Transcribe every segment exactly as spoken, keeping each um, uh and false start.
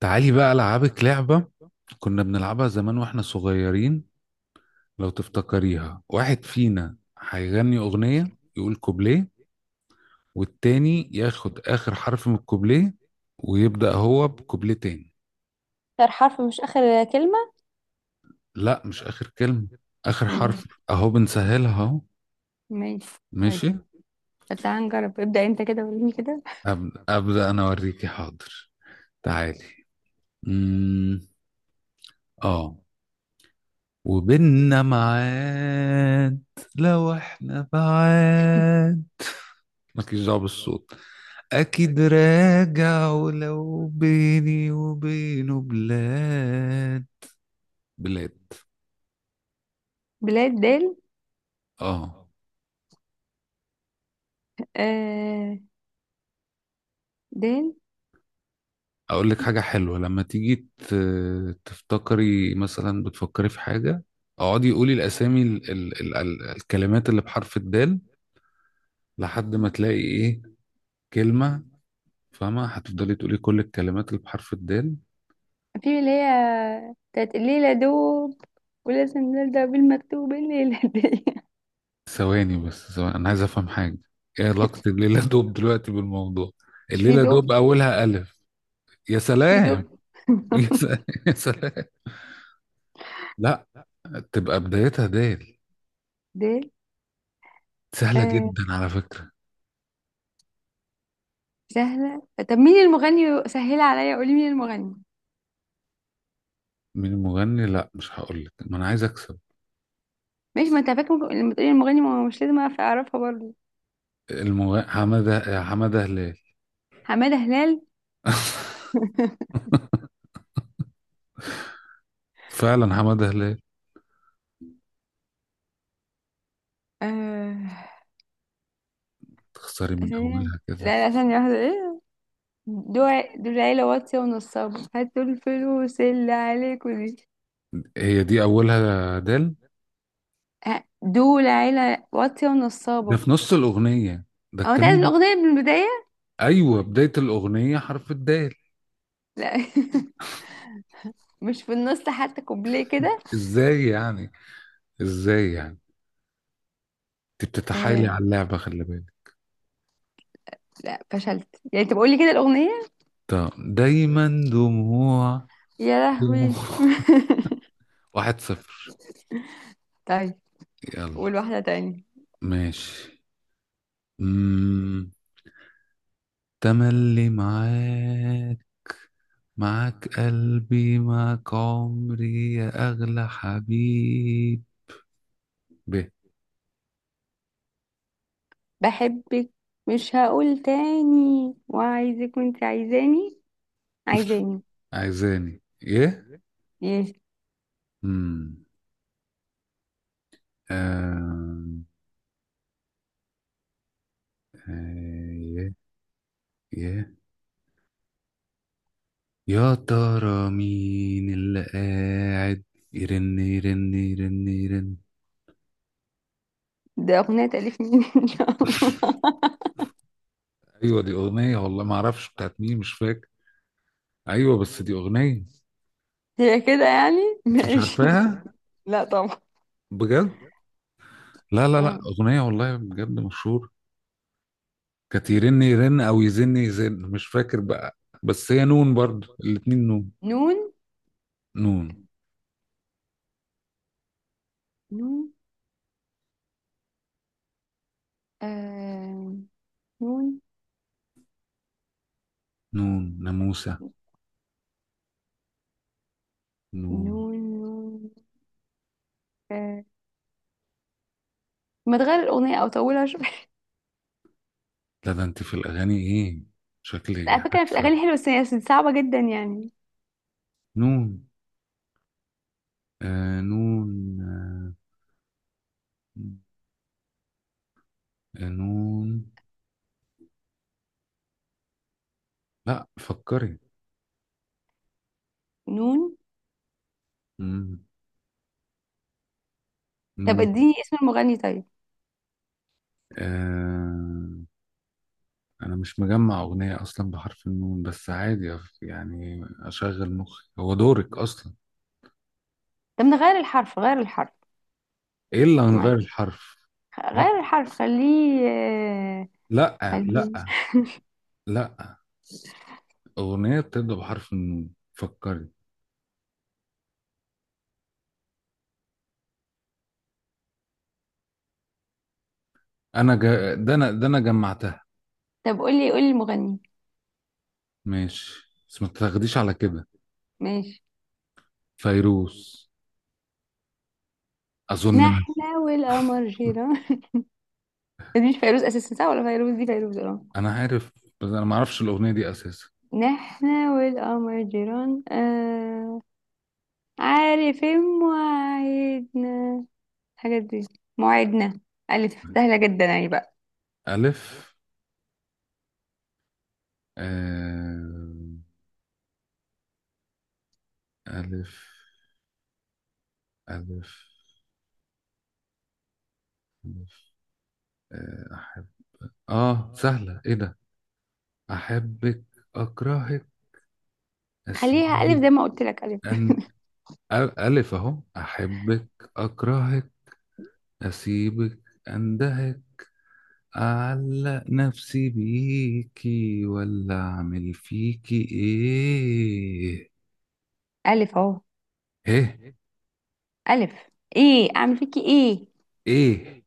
تعالي بقى ألعبك لعبة. كنا بنلعبها زمان واحنا صغيرين. لو تفتكريها، واحد فينا هيغني أغنية، يقول كوبليه، والتاني ياخد آخر حرف من الكوبليه ويبدأ هو بكوبليه تاني. آخر حرف مش آخر كلمة. لا مش آخر كلمة، آخر ماشي. حرف. أهو بنسهلها أهو. ماشي. طيب. ماشي. بس تعالى نجرب، ابدأ انت كده وريني كده. أبدأ, أبدأ أنا أوريكي، حاضر. تعالي. مم. آه. وبيننا معاد، لو احنا بعاد، مالكيش دعوة بالصوت، أكيد راجع، ولو بيني وبينه بلاد. بلاد. بلاد دال. آه. آه، دال أقول لك حاجة حلوة، لما تيجي ت- تفتكري، مثلا بتفكري في حاجة، اقعدي قولي الأسامي، ال ال ال ال الكلمات اللي بحرف الدال لحد ما تلاقي إيه، كلمة. فاهمة؟ هتفضلي تقولي كل الكلمات اللي بحرف الدال. في اللي هي بتاعت الليلة دوب، ولازم نبدأ بالمكتوب الليلة دي. ثواني بس، ثواني، أنا عايز أفهم حاجة. إيه علاقة الليلة دوب دلوقتي بالموضوع؟ مش في الليلة دوب. دوب أولها ألف. يا مش في سلام. دوب. يا سلام، يا سلام. لا، تبقى بدايتها ديل. دال. سهلة آه، جدا على فكرة. سهلة؟ طب مين المغني؟ سهلة عليا، قولي مين المغني. مين المغني؟ لا مش هقول لك، ما انا عايز اكسب. ماشي، ما انت فاكر ممكن- لما تقولي المغني، ما هو مش لازم اعرف اعرفها برضه. المغني حمادة حمادة هلال. حمادة هلال. فعلا حمادة هلال. آه. تخسري من ثانية. اولها كده. لا لا، ثانية واحدة، ايه؟ دول دول العيلة واطية ونصابة، هاتوا الفلوس اللي عليكوا دي. هي دي اولها دال. ه- دول عيلة واطية ده ونصابة. في نص الاغنية، ده هو انت عايز الكلام ده. الأغنية من البداية؟ ايوه، بداية الاغنية حرف الدال. لا. مش في النص حتى كوبليه كده؟ ازاي يعني؟ ازاي يعني؟ انت بتتحايلي آه، على اللعبة، خلي بالك. لا، فشلت يعني انت بقولي كده الأغنية. طب دايما دموع. يا دموع. لهوي. واحد صفر. طيب، يلا. قول واحدة تاني. ماشي. مم. تملي معاك، معاك قلبي معاك عمري يا أغلى حبيب. ب. بحبك. مش هقول تاني، وعايزك وانت عايزاني. عايزاني عايزاني ايه؟ ايه؟ مم. آم. آه. يه. يه. يا ترى مين اللي قاعد يرن، يرن، يرن، يرن. ده أغنية تأليف مين ان شاء الله؟ ايوه دي اغنيه، والله ما اعرفش بتاعت مين، مش فاكر. ايوه بس دي اغنيه. هي كده يعني؟ انت مش ماشي. عارفاها؟ لا طبعا. بجد؟ لا لا لا، آه. أغنية والله بجد مشهور. كانت يرن يرن أو يزن يزن، مش فاكر بقى. بس هي نون برضو، الاتنين نون. نون. نون. نون. آه، نون. نون ناموسة. نون. نون. نون. آه. ما تغير الأغنية أو طولها شوية؟ لا، ده أنت في الأغاني إيه؟ شكلي على فكرة في هكسب. الأغاني حلوة، بس هي صعبة جدا يعني. نون. آه، نون. آه، آه، نون. لا، فكري. نون. مم. طب نون. اديني اسم المغني طيب. آه، أنا مش مجمع أغنية أصلا بحرف النون، بس عادي يعني أشغل مخي، هو دورك أصلا. طب نغير الحرف، غير الحرف. ايه اللي هنغير معلش. الحرف؟ غير لا، الحرف، خليه آه، لا لا، خليه. لا اغنيه بتبدا بحرف النون، فكري. انا جا... ده انا ده انا جمعتها. طب قولي، قولي المغني. ماشي بس ما تاخديش على كده. ماشي. فيروز، اظن مثلا. نحنا والقمر جيران. دي مش فيروز أساسا، صح؟ ولا فيروز؟ دي فيروز اه. انا عارف، بس انا ما اعرفش الاغنيه دي اساسا. نحنا والقمر جيران، آه، عارف مواعيدنا، الحاجات دي، مواعيدنا. ألف سهلة جدا اهي بقى. الف. آه... الف، الف، الف. آه... احب. اه سهله، ايه ده. احبك، اكرهك، خليها ألف اسيبك. زي ما قلت لك، ألف. أن... ألف أهو، أحبك، أكرهك، أسيبك، أندهك، أعلق نفسي بيكي ولا أعمل فيكي إيه. ألف أهو. إيه؟ ألف. إيه أعمل فيكي إيه؟ إيه؟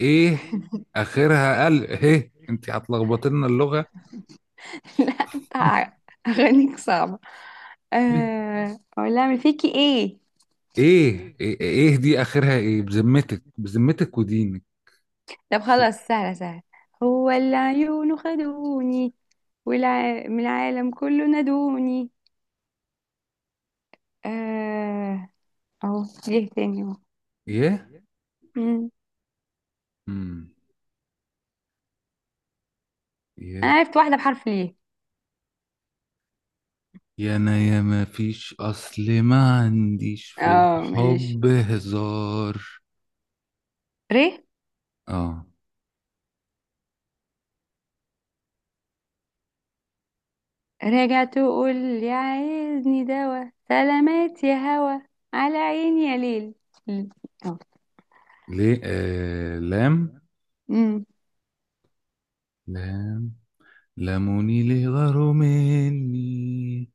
إيه؟ آخرها قلب إيه. أنت هتلخبط لنا اللغة. لا أنت، أغانيك صعبة. آه، أقول لها أعمل فيكي إيه. إيه، إيه، إيه دي؟ آخرها إيه؟ بذمتك، بذمتك ودينك. طب خلاص، سهلة سهلة. هو اللي عيونه خدوني، والع... من العالم كله نادوني. آه، أهو ليه تاني أهو. إيه. مم. أمم. أنا إيه. عرفت واحدة بحرف ليه. يا أنا يا ما فيش، أصل ما عنديش في اه، ماشي. الحب هزار. ري، آه. راجع تقول، يا عايزني دوا سلامات يا هوا، على عيني يا ليل. ليل. أهو. ليه، آه، لام. أمم. لام. لموني ليه غاروا مني،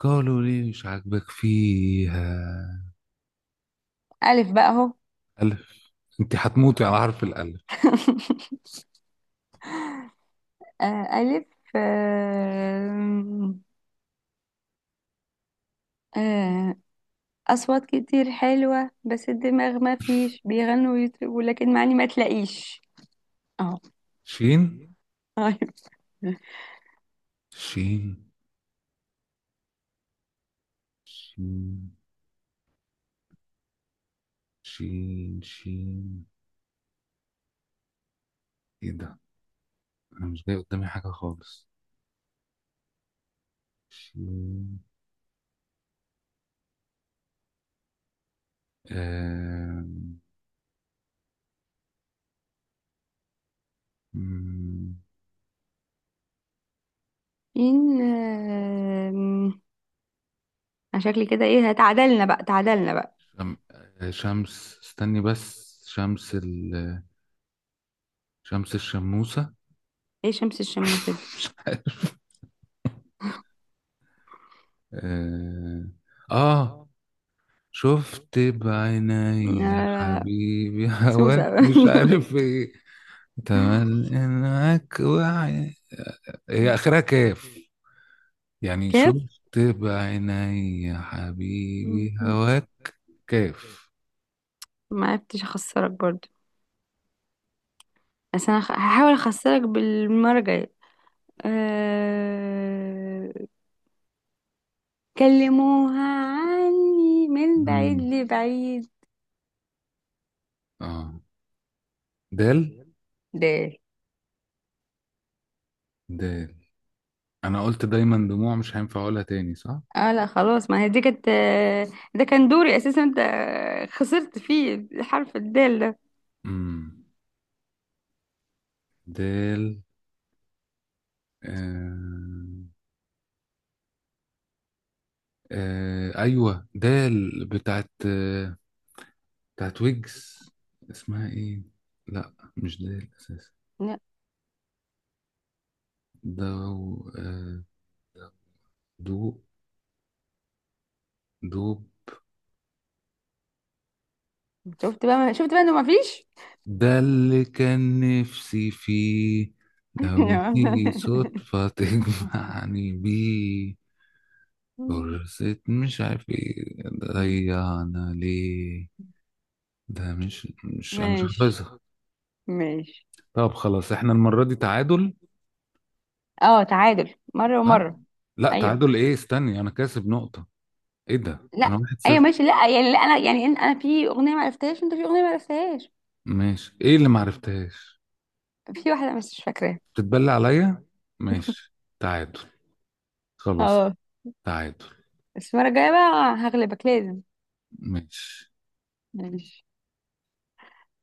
قالوا ليه مش عاجبك فيها. ألف بقى أهو. ألف. أنت هتموتي على حرف الألف. آه، ألف. آم، آه، أصوات كتير حلوة، بس الدماغ ما فيش بيغنوا ويطربوا، لكن معني ما تلاقيش أهو. شين. أيوة. شين. شين. شين، شين. إيه ده، أنا مش جاي قدامي حاجة خالص. شين. آم، مم، إن آم، أنا شكلي كده إيه، تعادلنا بقى تعادلنا بقى. شم... آه، شمس، استني بس، شمس ال... شمس الشموسة. إيه شمس الشموسة دي؟ آه. آه. شفت بعيني يا آه، حبيبي هواك، سوسة. مش عارف ايه. تمل انك وعي. هي اخرها كاف. يعني كيف. شفت بعيني يا حبيبي مم. هواك. كاف. ما عرفتش اخسرك برضو، بس انا خ- هحاول اخسرك بالمرة الجاية. أه... كلموها عني من بعيد مم. لبعيد، اه. دال. ده. دال. انا قلت دايما دموع، مش هينفع اقولها تاني، صح؟ اه لا خلاص، ما هي دي كانت آه، ده كان دوري اساسا. انت خسرت فيه حرف الدال ده. امم. دال. آه. آه ايوه، دال بتاعت آه، بتاعت ويجز. اسمها ايه؟ لا، مش ده الاساس. لا. ده و- آه، دوب. دوب. شفت بقى، شفت بقى انه ما فيش. ده اللي كان نفسي فيه، لو تيجي صدفة تجمعني بيه، فرصة مش عارف ايه ضيعنا ليه. ده مش مش انا مش ماشي. حافظها. ماشي. طب خلاص، احنا المرة دي تعادل، اه، تعادل، مرة صح؟ ومرة. لا ايوه، تعادل ايه، استني، انا كاسب نقطة. ايه ده، انا لا، واحد ايوه صفر. ماشي. لا يعني لا، انا يعني، إن- انا في اغنيه ما عرفتهاش، وانت في اغنيه ما عرفتهاش. ماشي، ايه اللي معرفتهاش؟ في واحده بس مش فاكراها. تتبلى عليا. ماشي، تعادل، خلاص. اه، تعادل. بس المره الجايه بقى هغلبك لازم. ماشي. ماشي.